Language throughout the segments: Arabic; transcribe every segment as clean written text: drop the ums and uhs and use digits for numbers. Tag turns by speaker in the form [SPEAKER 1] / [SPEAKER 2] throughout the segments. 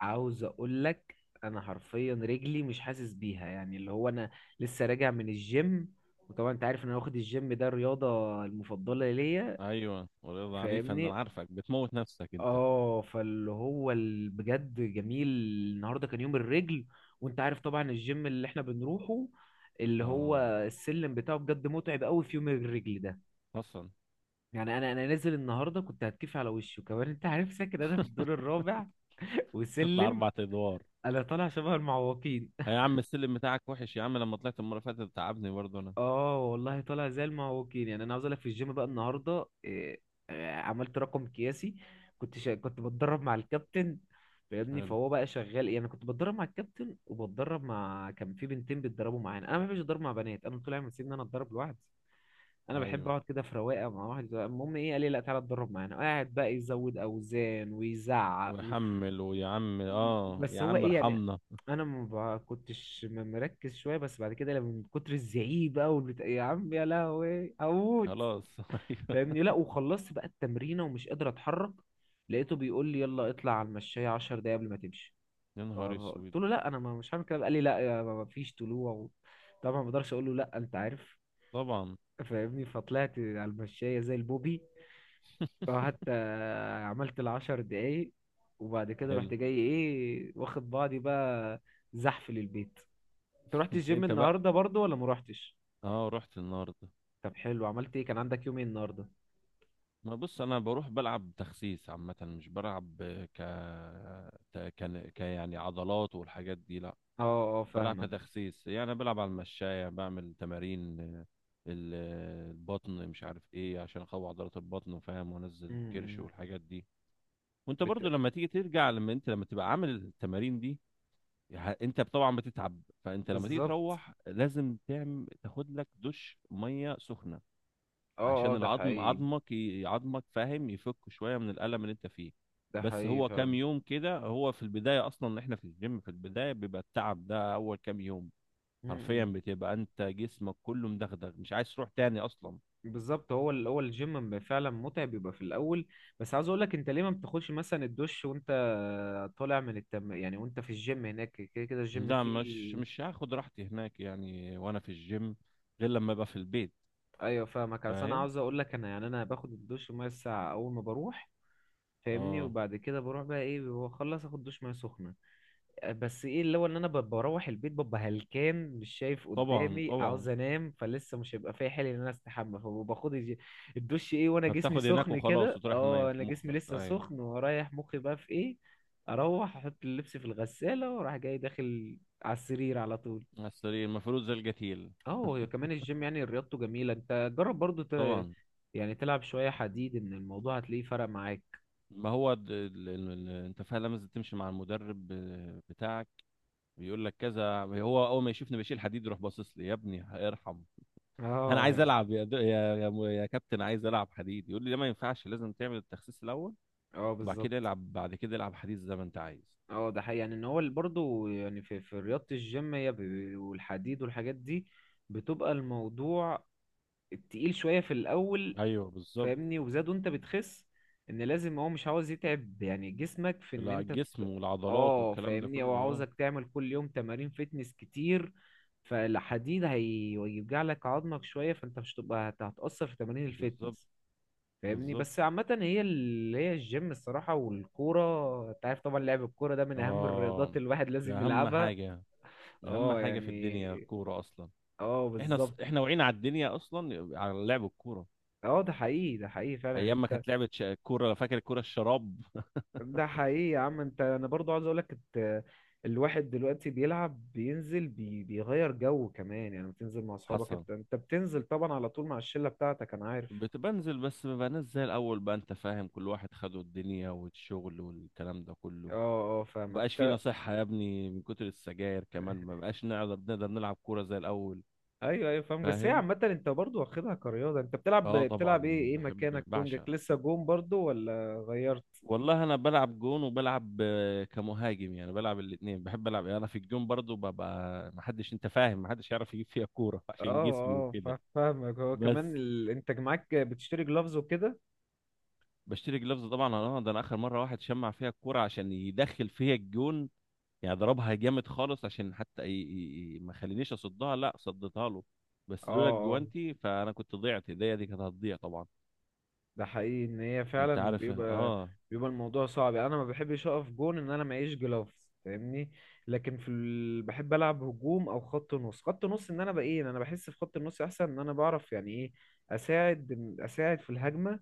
[SPEAKER 1] عاوز اقول لك. انا حرفيا رجلي مش حاسس بيها، يعني اللي هو انا لسه راجع من الجيم. وطبعا انت عارف ان انا واخد الجيم ده الرياضة المفضلة ليا،
[SPEAKER 2] ايوه، ورياضة عنيفة.
[SPEAKER 1] فاهمني.
[SPEAKER 2] انا عارفك بتموت نفسك انت.
[SPEAKER 1] اه، فاللي هو بجد جميل النهارده كان يوم الرجل. وانت عارف طبعا الجيم اللي احنا بنروحه اللي هو
[SPEAKER 2] اه.
[SPEAKER 1] السلم بتاعه بجد متعب قوي في يوم الرجل ده.
[SPEAKER 2] اصلا
[SPEAKER 1] يعني انا نازل النهارده كنت هتكيف على وشي، وكمان انت عارف ساكن انا في الدور الرابع
[SPEAKER 2] تطلع
[SPEAKER 1] وسلم.
[SPEAKER 2] اربع ادوار؟
[SPEAKER 1] انا طالع شبه المعوقين.
[SPEAKER 2] يا عم، السلم بتاعك وحش يا عم. لما طلعت المرة اللي فاتت تعبني برضه انا.
[SPEAKER 1] اه والله طالع زي المعوجين. يعني انا عاوز اقول لك في الجيم بقى النهارده إيه، آه، عملت رقم قياسي. كنت بتدرب مع الكابتن، فاهمني.
[SPEAKER 2] حلو.
[SPEAKER 1] فهو بقى شغال، يعني كنت بتدرب مع الكابتن وبتدرب مع كان في بنتين بيتدربوا معانا. انا ما بحبش اتدرب مع بنات، انا طول عمري مسيب ان انا اتدرب لوحدي. انا بحب
[SPEAKER 2] ايوه،
[SPEAKER 1] اقعد كده في رواقه مع واحد. المهم ايه، قال لي لا تعالى اتدرب معانا. قاعد بقى يزود اوزان ويزعق.
[SPEAKER 2] ويحمل، ويا عم اه
[SPEAKER 1] بس
[SPEAKER 2] يا
[SPEAKER 1] هو
[SPEAKER 2] عم
[SPEAKER 1] ايه يعني،
[SPEAKER 2] ارحمنا.
[SPEAKER 1] انا ما ب- كنتش م- مركز شويه، بس بعد كده لما من كتر الزعيق بقى والبتاع، يا عم يا لهوي هموت.
[SPEAKER 2] خلاص. ايوه.
[SPEAKER 1] فاهمني. لا، وخلصت بقى التمرينه ومش قادر اتحرك. لقيته بيقول لي يلا اطلع على المشايه 10 دقايق قبل ما تمشي.
[SPEAKER 2] يا
[SPEAKER 1] ف-
[SPEAKER 2] نهار اسود.
[SPEAKER 1] قلت له لا انا مش هعمل كده. قال لي لا يا ما ما فيش طلوع و... طبعا ما اقدرش اقول له لا، انت عارف.
[SPEAKER 2] طبعا.
[SPEAKER 1] فاهمني. فطلعت على المشايه زي البوبي. اه، حتى عملت العشر دقايق. وبعد كده
[SPEAKER 2] حلو.
[SPEAKER 1] رحت جاي ايه، واخد بعضي بقى، زحف للبيت. انت رحت الجيم
[SPEAKER 2] انت بقى.
[SPEAKER 1] النهارده برضو ولا ما روحتش؟
[SPEAKER 2] اه، رحت النهارده.
[SPEAKER 1] طب حلو، عملت ايه، كان عندك يوم ايه النهارده؟
[SPEAKER 2] ما بص، انا بروح بلعب تخسيس عامه، مش بلعب. ك كان يعني عضلات والحاجات دي. لا،
[SPEAKER 1] اه اه
[SPEAKER 2] بلعب
[SPEAKER 1] فاهمك.
[SPEAKER 2] كتخسيس. يعني أنا بلعب على المشاية، بعمل تمارين البطن، مش عارف ايه، عشان اقوي عضلات البطن وفاهم، وانزل الكرش
[SPEAKER 1] امم
[SPEAKER 2] والحاجات دي. وانت برضو
[SPEAKER 1] بت...
[SPEAKER 2] لما تيجي ترجع لما انت لما تبقى عامل التمارين دي، انت طبعا بتتعب. فانت لما تيجي
[SPEAKER 1] بالظبط.
[SPEAKER 2] تروح، لازم تاخد لك دش ميه سخنه،
[SPEAKER 1] اه
[SPEAKER 2] عشان
[SPEAKER 1] اه ده
[SPEAKER 2] العظم
[SPEAKER 1] حقيقي،
[SPEAKER 2] عظمك ي- عظمك فاهم، يفك شويه من الالم اللي انت فيه.
[SPEAKER 1] ده
[SPEAKER 2] بس
[SPEAKER 1] حقيقي
[SPEAKER 2] هو كام
[SPEAKER 1] فعلا.
[SPEAKER 2] يوم كده. هو في البدايه اصلا احنا في الجيم، في البدايه بيبقى التعب ده اول كام يوم. حرفيا
[SPEAKER 1] امم
[SPEAKER 2] بتبقى انت جسمك كله مدغدغ، مش عايز تروح تاني اصلا.
[SPEAKER 1] بالظبط. هو ال... هو الجيم فعلا متعب، بيبقى في الاول. بس عاوز اقول لك، انت ليه ما بتاخدش مثلا الدش وانت طالع من التم، يعني وانت في الجيم هناك، كده كده الجيم
[SPEAKER 2] لا،
[SPEAKER 1] فيه.
[SPEAKER 2] مش هاخد راحتي هناك، يعني وانا في الجيم، غير لما ابقى في البيت.
[SPEAKER 1] ايوه فاهمك. بس انا
[SPEAKER 2] فاهم.
[SPEAKER 1] عاوز اقول لك، انا يعني انا باخد الدش ميه الساعه اول ما بروح، فاهمني.
[SPEAKER 2] اه
[SPEAKER 1] وبعد كده بروح بقى ايه، بخلص اخد دش ميه سخنه. أه، بس ايه اللي هو ان انا بروح البيت ببقى هلكان، مش شايف
[SPEAKER 2] طبعا
[SPEAKER 1] قدامي،
[SPEAKER 2] طبعا.
[SPEAKER 1] عاوز انام. فلسه مش هيبقى فيا حيل ان انا استحمى، فباخد الدش ايه وانا جسمي
[SPEAKER 2] فبتاخد هناك
[SPEAKER 1] سخن
[SPEAKER 2] وخلاص
[SPEAKER 1] كده.
[SPEAKER 2] وتروح
[SPEAKER 1] اه، انا جسمي
[SPEAKER 2] مخك.
[SPEAKER 1] لسه
[SPEAKER 2] ايوه،
[SPEAKER 1] سخن، ورايح مخي بقى في ايه، اروح احط اللبس في الغساله، واروح جاي داخل على السرير على طول.
[SPEAKER 2] على السرير المفروض زي القتيل.
[SPEAKER 1] اه، كمان الجيم يعني رياضته جميلة، انت جرب برضو
[SPEAKER 2] طبعا.
[SPEAKER 1] يعني تلعب شوية حديد، ان الموضوع هتلاقيه فرق معاك.
[SPEAKER 2] ما هو انت فعلا لازم تمشي مع المدرب بتاعك. بيقول لك كذا. هو اول ما يشوفني بشيل حديد، يروح باصص لي: يا ابني ارحم. انا
[SPEAKER 1] اه
[SPEAKER 2] عايز
[SPEAKER 1] يعني.
[SPEAKER 2] العب يا دو... يا يا, م- يا كابتن، عايز العب حديد. يقول لي: ده ما ينفعش، لازم تعمل التخسيس الاول،
[SPEAKER 1] اه
[SPEAKER 2] وبعد
[SPEAKER 1] بالظبط.
[SPEAKER 2] كده العب، بعد كده العب حديد زي ما انت عايز.
[SPEAKER 1] اه ده حقيقي، يعني ان هو برضه يعني في رياضة الجيم هي والحديد والحاجات دي، بتبقى الموضوع تقيل شوية في الأول،
[SPEAKER 2] ايوه بالظبط.
[SPEAKER 1] فاهمني. وزادوا انت بتخس، ان لازم هو مش عاوز يتعب يعني جسمك في ان
[SPEAKER 2] لا،
[SPEAKER 1] انت
[SPEAKER 2] الجسم
[SPEAKER 1] ت-
[SPEAKER 2] والعضلات
[SPEAKER 1] اه،
[SPEAKER 2] والكلام ده
[SPEAKER 1] فاهمني، هو
[SPEAKER 2] كله. اه
[SPEAKER 1] عاوزك تعمل كل يوم تمارين فتنس كتير. فالحديد هيوجع لك عظمك شوية، فانت مش هتبقى هتأثر في تمارين
[SPEAKER 2] بالظبط.
[SPEAKER 1] الفتنس. فاهمني.
[SPEAKER 2] بالظبط.
[SPEAKER 1] بس عامة هي اللي هي الجيم، الصراحة والكورة، انت عارف طبعا لعب الكورة ده من أهم الرياضات،
[SPEAKER 2] اه،
[SPEAKER 1] الواحد
[SPEAKER 2] ده
[SPEAKER 1] لازم
[SPEAKER 2] اهم
[SPEAKER 1] يلعبها.
[SPEAKER 2] حاجه. اهم
[SPEAKER 1] اه
[SPEAKER 2] حاجه في
[SPEAKER 1] يعني.
[SPEAKER 2] الدنيا الكوره اصلا.
[SPEAKER 1] اه
[SPEAKER 2] احنا ص-
[SPEAKER 1] بالظبط.
[SPEAKER 2] احنا وعينا على الدنيا اصلا على لعب الكوره.
[SPEAKER 1] اه ده حقيقي، ده حقيقي فعلا.
[SPEAKER 2] ايام ما
[SPEAKER 1] انت
[SPEAKER 2] كانت لعبه كوره. فاكر الكوره الشراب؟
[SPEAKER 1] ده حقيقي يا عم. انت انا برضو عاوز اقولك الواحد دلوقتي بيلعب بينزل بيغير جو كمان، يعني بتنزل مع اصحابك.
[SPEAKER 2] حصل.
[SPEAKER 1] انت بتنزل طبعا على طول مع الشلة بتاعتك، انا عارف.
[SPEAKER 2] بتبنزل، بس ما بقناش زي الاول بقى، انت فاهم، كل واحد خده الدنيا والشغل والكلام ده كله.
[SPEAKER 1] اه اه فاهمك
[SPEAKER 2] مبقاش
[SPEAKER 1] انت.
[SPEAKER 2] فينا صحة يا ابني، من كتر السجاير كمان ما بقاش نقدر نلعب كورة زي الاول.
[SPEAKER 1] ايوه ايوه فاهمك. بس هي
[SPEAKER 2] فاهم.
[SPEAKER 1] عامة انت برضو واخدها كرياضة. انت بتلعب،
[SPEAKER 2] اه طبعا.
[SPEAKER 1] بتلعب ايه، ايه
[SPEAKER 2] بحب،
[SPEAKER 1] مكانك، وينجك
[SPEAKER 2] بعشق.
[SPEAKER 1] لسه، جون برضو ولا غيرت؟
[SPEAKER 2] والله انا بلعب جون وبلعب كمهاجم. يعني بلعب الاثنين. بحب العب يعني انا في الجون برضو، ببقى ما حدش، انت فاهم، ما حدش يعرف يجيب فيها كورة
[SPEAKER 1] اه
[SPEAKER 2] عشان جسمي
[SPEAKER 1] اه
[SPEAKER 2] وكده.
[SPEAKER 1] فاهمك. هو كمان
[SPEAKER 2] بس
[SPEAKER 1] ال... انت معاك بتشتري جلافز وكده.
[SPEAKER 2] بشتري جلافز طبعا. اه، ده انا اخر مرة واحد شمع فيها الكورة عشان يدخل فيها الجون. يعني ضربها جامد خالص، عشان حتى ما خلينيش اصدها. لا، صدتها له. بس لولا
[SPEAKER 1] اه
[SPEAKER 2] الجوانتي، فانا كنت ضيعت ايديا، دي كانت هتضيع طبعا.
[SPEAKER 1] ده حقيقي ان هي
[SPEAKER 2] انت
[SPEAKER 1] فعلا
[SPEAKER 2] عارف،
[SPEAKER 1] بيبقى،
[SPEAKER 2] اه.
[SPEAKER 1] بيبقى الموضوع صعب. يعني انا ما بحبش اقف جون ان انا معيش جلافز، فاهمني. لكن في ال... بحب العب هجوم او خط نص. خط نص ان انا بقى ايه، إن انا بحس في خط النص احسن، ان انا بعرف يعني ايه اساعد في الهجمه.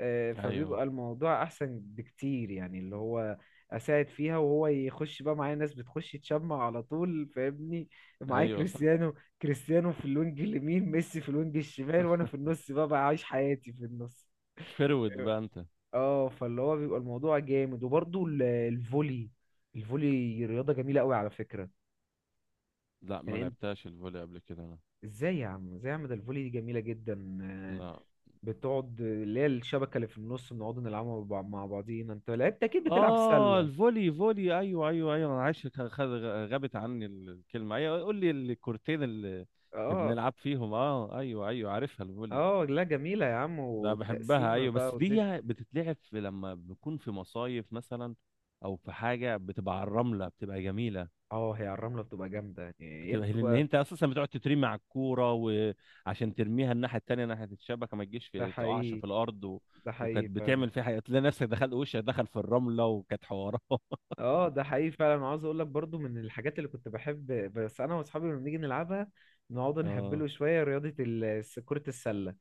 [SPEAKER 1] آه،
[SPEAKER 2] ايوه،
[SPEAKER 1] فبيبقى الموضوع احسن بكتير، يعني اللي هو اساعد فيها وهو يخش بقى. معايا ناس بتخش تشمع على طول، فاهمني. معايا
[SPEAKER 2] ايوه، صح.
[SPEAKER 1] كريستيانو، كريستيانو في الوينج اليمين، ميسي في الوينج الشمال، وانا في النص بقى بعيش حياتي في النص.
[SPEAKER 2] فرود بقى انت.
[SPEAKER 1] اه فاللي هو بيبقى الموضوع جامد. وبرضه الفولي، الفولي رياضة جميلة قوي على فكرة.
[SPEAKER 2] لا ما
[SPEAKER 1] يعني انت
[SPEAKER 2] لعبتهاش الفولي قبل كده انا.
[SPEAKER 1] ازاي يا عم، ازاي يا عم، ده الفولي دي جميلة جدا، آه،
[SPEAKER 2] لا.
[SPEAKER 1] بتقعد اللي هي الشبكة اللي في النص، بنقعد نلعبها مع مع بعضينا. انت لعبت اكيد، بتلعب
[SPEAKER 2] اه،
[SPEAKER 1] سلة.
[SPEAKER 2] الفولي! فولي! ايوه ايوه ايوه. انا عايش غابت عني الكلمه. ايوه، قول لي، الكورتين اللي
[SPEAKER 1] اه
[SPEAKER 2] بنلعب فيهم. اه ايوه ايوه، عارفها، الفولي.
[SPEAKER 1] اه لا جميلة يا عم،
[SPEAKER 2] لا بحبها
[SPEAKER 1] والتقسيمة
[SPEAKER 2] ايوه،
[SPEAKER 1] بقى
[SPEAKER 2] بس
[SPEAKER 1] والدنيا.
[SPEAKER 2] دي بتتلعب لما بنكون في مصايف مثلا، او في حاجه بتبقى على الرمله، بتبقى جميله.
[SPEAKER 1] اه هي على الرملة بتبقى جامدة، يعني هي
[SPEAKER 2] بتبقى، لان
[SPEAKER 1] بتبقى.
[SPEAKER 2] انت اساسا بتقعد تترمي على الكوره، وعشان ترميها الناحيه التانيه ناحيه الشبكه، ما تجيش
[SPEAKER 1] ده
[SPEAKER 2] تقعش
[SPEAKER 1] حقيقي،
[SPEAKER 2] في الارض و...
[SPEAKER 1] ده
[SPEAKER 2] وكانت
[SPEAKER 1] حقيقي فعلا.
[SPEAKER 2] بتعمل فيها حاجه، تلاقي نفسك دخلت، وشك دخل في الرمله، وكانت حوارات.
[SPEAKER 1] اه ده حقيقي فعلا. عاوز اقول لك برضو من الحاجات اللي كنت بحب، بس انا واصحابي لما بنيجي نلعبها نقعد
[SPEAKER 2] اه،
[SPEAKER 1] نهبله شويه، رياضه كره السله.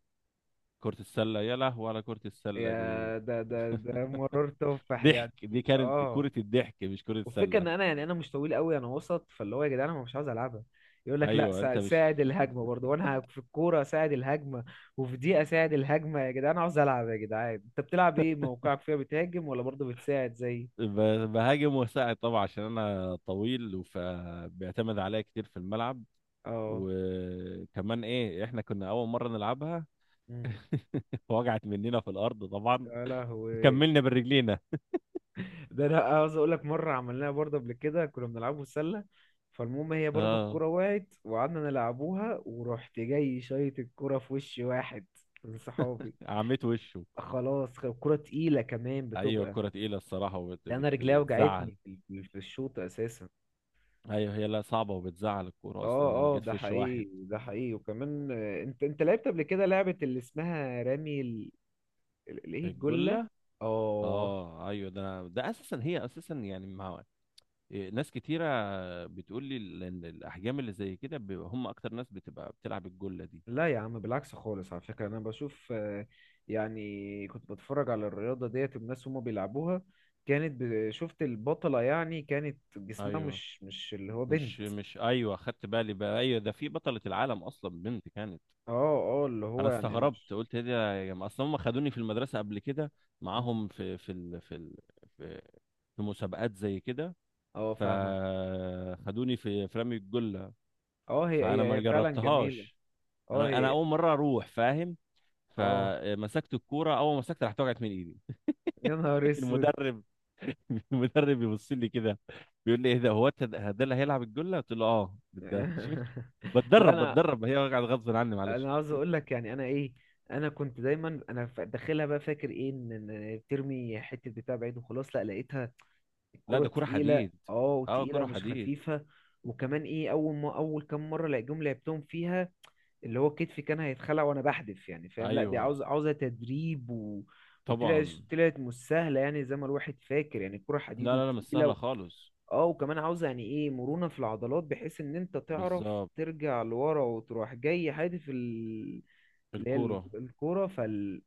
[SPEAKER 2] كرة السلة! يا لهوي على كرة السلة دي!
[SPEAKER 1] يا ده ده ده مرار تفاح
[SPEAKER 2] ضحك!
[SPEAKER 1] يعني.
[SPEAKER 2] دي كانت
[SPEAKER 1] اه،
[SPEAKER 2] كرة الضحك مش كرة
[SPEAKER 1] والفكره
[SPEAKER 2] سلة.
[SPEAKER 1] ان انا، يعني انا مش طويل قوي، انا وسط. فاللي هو يا جدعان انا مش عاوز العبها. يقول لك لا
[SPEAKER 2] ايوه، انت مش...
[SPEAKER 1] ساعد الهجمه برضو، وانا في الكوره ساعد الهجمه، وفي دي اساعد الهجمه. يا جدعان عاوز العب. يا جدعان انت بتلعب ايه، موقعك فيها بتهاجم ولا برضو بتساعد زي؟
[SPEAKER 2] بهاجم واساعد طبعا، عشان انا طويل، فبيعتمد عليا كتير في الملعب.
[SPEAKER 1] اه.
[SPEAKER 2] وكمان ايه، احنا كنا اول مره نلعبها.
[SPEAKER 1] مم.
[SPEAKER 2] وجعت مننا في الارض طبعا.
[SPEAKER 1] يا لهوي،
[SPEAKER 2] كملنا برجلينا.
[SPEAKER 1] ده انا عاوز اقول لك مره عملناها برضه قبل كده، كنا بنلعبه سله. فالمهم هي برضه
[SPEAKER 2] اه،
[SPEAKER 1] الكره وقعت وقعدنا نلعبوها، ورحت جاي شايط الكره في وش واحد من صحابي.
[SPEAKER 2] عميت وشه.
[SPEAKER 1] خلاص الكره تقيله كمان
[SPEAKER 2] ايوه
[SPEAKER 1] بتبقى.
[SPEAKER 2] كرة تقيله الصراحه، وبت...
[SPEAKER 1] ده
[SPEAKER 2] بت...
[SPEAKER 1] انا رجليا وجعتني
[SPEAKER 2] بتزعل
[SPEAKER 1] في في الشوط اساسا.
[SPEAKER 2] ايوه هي، لا صعبه، وبتزعل الكوره اصلا لو
[SPEAKER 1] اه اه
[SPEAKER 2] جيت
[SPEAKER 1] ده
[SPEAKER 2] في وش واحد.
[SPEAKER 1] حقيقي، ده حقيقي. وكمان آه، انت انت لعبت قبل كده لعبه اللي اسمها رامي ال... ايه، الجله.
[SPEAKER 2] الجله.
[SPEAKER 1] اه.
[SPEAKER 2] اه ايوه، ده اساسا، هي اساسا يعني مع ناس كتيرة بتقول لي إن الأحجام اللي زي كده بيبقى هم أكتر ناس بتبقى بتلعب الجلة دي.
[SPEAKER 1] لا يا عم، بالعكس خالص على فكرة، أنا بشوف آه، يعني كنت بتفرج على الرياضة ديت والناس هما بيلعبوها، كانت شفت البطلة يعني، كانت جسمها
[SPEAKER 2] ايوه،
[SPEAKER 1] مش اللي هو
[SPEAKER 2] مش
[SPEAKER 1] بنت.
[SPEAKER 2] مش، ايوه خدت بالي بقى. ايوه، ده في بطلة العالم اصلا، بنت كانت.
[SPEAKER 1] اه اه اللي
[SPEAKER 2] انا
[SPEAKER 1] هو يعني
[SPEAKER 2] استغربت،
[SPEAKER 1] مش.
[SPEAKER 2] قلت ايه ده يا جماعه، اصلا هم خدوني في المدرسه قبل كده معاهم في ال في, في مسابقات زي كده.
[SPEAKER 1] اه فاهمك.
[SPEAKER 2] فخدوني في رمي الجله.
[SPEAKER 1] اه هي
[SPEAKER 2] فانا
[SPEAKER 1] هي
[SPEAKER 2] ما
[SPEAKER 1] هي فعلا جميلة.
[SPEAKER 2] جربتهاش.
[SPEAKER 1] اه
[SPEAKER 2] انا
[SPEAKER 1] هي.
[SPEAKER 2] اول مره اروح، فاهم.
[SPEAKER 1] اه
[SPEAKER 2] فمسكت الكوره، اول ما مسكت راحت وقعت من ايدي.
[SPEAKER 1] يا نهار اسود.
[SPEAKER 2] المدرب. المدرب يبص لي كده، بيقول لي ايه ده، هو انت ده اللي هيلعب الجله؟ قلت له اه، ده
[SPEAKER 1] لا
[SPEAKER 2] بتدرب
[SPEAKER 1] انا،
[SPEAKER 2] بتدرب هي، قاعد غصب عني معلش.
[SPEAKER 1] انا عاوز اقول لك يعني انا ايه، انا كنت دايما انا داخلها بقى فاكر ايه، ان إن بترمي حتة بتاع بعيد وخلاص. لا لقيتها
[SPEAKER 2] لا،
[SPEAKER 1] كرة
[SPEAKER 2] ده كرة
[SPEAKER 1] تقيلة،
[SPEAKER 2] حديد.
[SPEAKER 1] اه
[SPEAKER 2] اه
[SPEAKER 1] وتقيلة
[SPEAKER 2] كرة
[SPEAKER 1] مش
[SPEAKER 2] حديد.
[SPEAKER 1] خفيفة. وكمان ايه، اول ما اول كام مرة لقيتهم لعبتهم فيها، اللي هو كتفي كان هيتخلع وانا بحدف، يعني فاهم لا دي
[SPEAKER 2] ايوه
[SPEAKER 1] عاوزة تدريب و... وطلعت
[SPEAKER 2] طبعا.
[SPEAKER 1] طلعت مش سهلة، يعني زي ما الواحد فاكر، يعني الكرة حديد
[SPEAKER 2] لا لا لا، مش
[SPEAKER 1] وتقيلة
[SPEAKER 2] سهلة
[SPEAKER 1] و...
[SPEAKER 2] خالص.
[SPEAKER 1] اه وكمان عاوزة يعني ايه مرونة في العضلات، بحيث ان انت تعرف
[SPEAKER 2] بالظبط،
[SPEAKER 1] ترجع لورا وتروح جاي حادف ال... اللي هي
[SPEAKER 2] الكورة.
[SPEAKER 1] الكورة فال،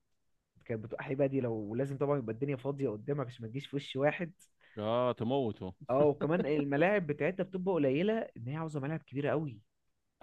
[SPEAKER 1] كانت بتبقى حيبة دي، لو لازم طبعا يبقى الدنيا فاضية قدامك عشان ما تجيش في وش واحد.
[SPEAKER 2] اه تموته.
[SPEAKER 1] اه وكمان الملاعب بتاعتنا بتبقى قليله، ان هي عاوزه ملاعب كبيره قوي.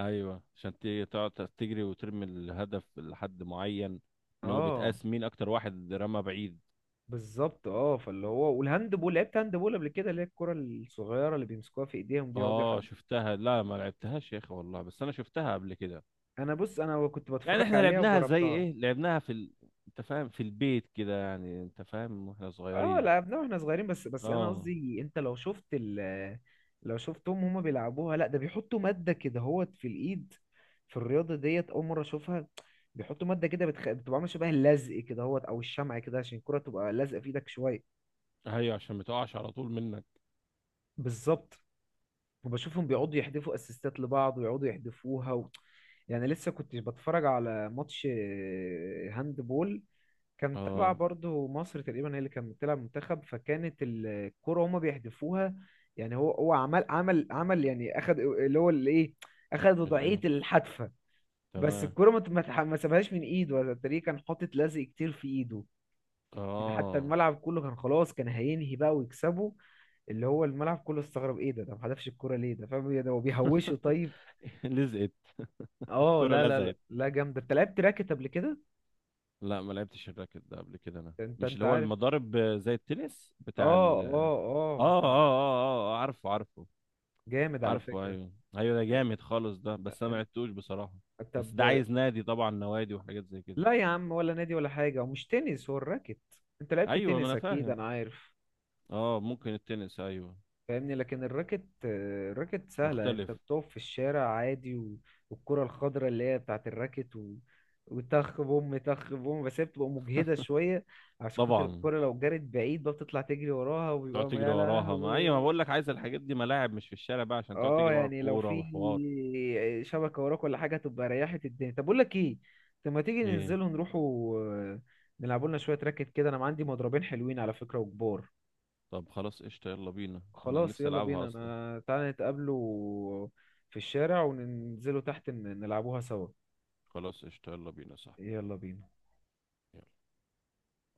[SPEAKER 2] ايوه، عشان تيجي تقعد تجري وترمي الهدف لحد معين، ان هو
[SPEAKER 1] اه
[SPEAKER 2] بيتقاس مين اكتر واحد رمى بعيد.
[SPEAKER 1] بالظبط. اه فاللي هو، والهاند بول، لعبت هاند بول قبل كده؟ اللي هي الكره الصغيره اللي بيمسكوها في ايديهم دي يقعدوا
[SPEAKER 2] اه
[SPEAKER 1] يحد.
[SPEAKER 2] شفتها، لا ما لعبتهاش يا اخي، والله بس انا شفتها قبل كده.
[SPEAKER 1] انا بص، انا كنت
[SPEAKER 2] يعني
[SPEAKER 1] بتفرج
[SPEAKER 2] احنا
[SPEAKER 1] عليها
[SPEAKER 2] لعبناها زي
[SPEAKER 1] وجربتها.
[SPEAKER 2] ايه، لعبناها في انت فاهم، في البيت كده، يعني انت فاهم واحنا
[SPEAKER 1] اه
[SPEAKER 2] صغيرين.
[SPEAKER 1] لعبناها واحنا صغيرين. بس انا
[SPEAKER 2] اه
[SPEAKER 1] قصدي انت لو شفت ال، لو شفتهم هما بيلعبوها، لا ده بيحطوا ماده كده هوت في الايد. في الرياضه ديت اول مره اشوفها، بيحطوا ماده كده بتبقى عامله شبه اللزق كده هوت او الشمع كده، عشان الكره تبقى لازقه في ايدك شويه.
[SPEAKER 2] ايوه، عشان ما تقعش على طول منك.
[SPEAKER 1] بالظبط. وبشوفهم بيقعدوا يحدفوا اسيستات لبعض، ويقعدوا يحدفوها و... يعني لسه كنت بتفرج على ماتش آه، هاند بول، كان تبع
[SPEAKER 2] اه،
[SPEAKER 1] برضه مصر تقريبا، هي اللي كانت بتلعب منتخب، فكانت الكرة هما بيحدفوها. يعني هو عمل عمل يعني، اخد اللي هو الايه، اخد
[SPEAKER 2] الايه،
[SPEAKER 1] وضعية الحدفة. بس
[SPEAKER 2] تمام.
[SPEAKER 1] الكرة ما سابهاش من ايده، ولا التاني كان حاطط لزق كتير في ايده. يعني حتى
[SPEAKER 2] اه
[SPEAKER 1] الملعب كله كان خلاص كان هينهي بقى ويكسبوا، اللي هو الملعب كله استغرب ايه ده، ده ما حدفش الكوره ليه، ده فاهم إيه ده، هو بيهوشوا طيب؟
[SPEAKER 2] لزقت.
[SPEAKER 1] اه.
[SPEAKER 2] الكرة
[SPEAKER 1] لا لا لا
[SPEAKER 2] لزقت.
[SPEAKER 1] لا جامده. انت لعبت راكت قبل كده؟
[SPEAKER 2] لا ما لعبتش الراكت ده قبل كده انا،
[SPEAKER 1] انت
[SPEAKER 2] مش
[SPEAKER 1] انت
[SPEAKER 2] اللي هو
[SPEAKER 1] عارف.
[SPEAKER 2] المضارب زي التنس
[SPEAKER 1] اه
[SPEAKER 2] بتاع ال اه
[SPEAKER 1] اه
[SPEAKER 2] اه اه
[SPEAKER 1] اه.
[SPEAKER 2] اه. عارفه عارفه.
[SPEAKER 1] جامد على
[SPEAKER 2] عارفه،
[SPEAKER 1] فكره.
[SPEAKER 2] ايوه ايوه، ده جامد خالص ده، بس انا ما لعبتوش بصراحة.
[SPEAKER 1] انت
[SPEAKER 2] بس ده
[SPEAKER 1] طب.
[SPEAKER 2] عايز نادي طبعا، نوادي وحاجات زي كده.
[SPEAKER 1] لا يا عم، ولا نادي ولا حاجه، ومش تنس، هو الراكت. انت لعبت
[SPEAKER 2] ايوه ما
[SPEAKER 1] تنس
[SPEAKER 2] انا
[SPEAKER 1] اكيد
[SPEAKER 2] فاهم.
[SPEAKER 1] انا عارف.
[SPEAKER 2] اه ممكن، التنس ايوه.
[SPEAKER 1] فاهمني، لكن الراكت آه، الراكت سهلة، انت
[SPEAKER 2] مختلف.
[SPEAKER 1] بتقف في الشارع عادي و... والكرة الخضراء اللي هي بتاعت الراكت و... وتخ بوم تخ بوم، بس هي بتبقى مجهدة شوية عشان خاطر
[SPEAKER 2] طبعا.
[SPEAKER 1] الكرة لو جرت بعيد بقى بتطلع تجري وراها،
[SPEAKER 2] تقعد
[SPEAKER 1] وبيبقى
[SPEAKER 2] تجري
[SPEAKER 1] يا
[SPEAKER 2] وراها، ما ايوه ما
[SPEAKER 1] لهوي.
[SPEAKER 2] بقول لك، عايز الحاجات دي ملاعب، مش في الشارع بقى، عشان تقعد تجري
[SPEAKER 1] اه
[SPEAKER 2] ورا
[SPEAKER 1] يعني لو
[SPEAKER 2] الكورة
[SPEAKER 1] في
[SPEAKER 2] وحوار.
[SPEAKER 1] شبكة وراك ولا حاجة تبقى ريحت الدنيا. طب بقول لك ايه، طب ما تيجي
[SPEAKER 2] ايه؟
[SPEAKER 1] ننزلوا نروحوا، آه، نلعبوا لنا شوية راكت كده، انا ما عندي مضربين حلوين على فكرة وكبار.
[SPEAKER 2] طب خلاص قشطة، يلا بينا، انا
[SPEAKER 1] خلاص
[SPEAKER 2] نفسي
[SPEAKER 1] يلا
[SPEAKER 2] العبها
[SPEAKER 1] بينا،
[SPEAKER 2] اصلا.
[SPEAKER 1] انا تعالى نتقابلوا في الشارع وننزلوا تحت نلعبوها سوا.
[SPEAKER 2] خلاص قشطة، يلا بينا يا صاحبي.
[SPEAKER 1] يلا بينا.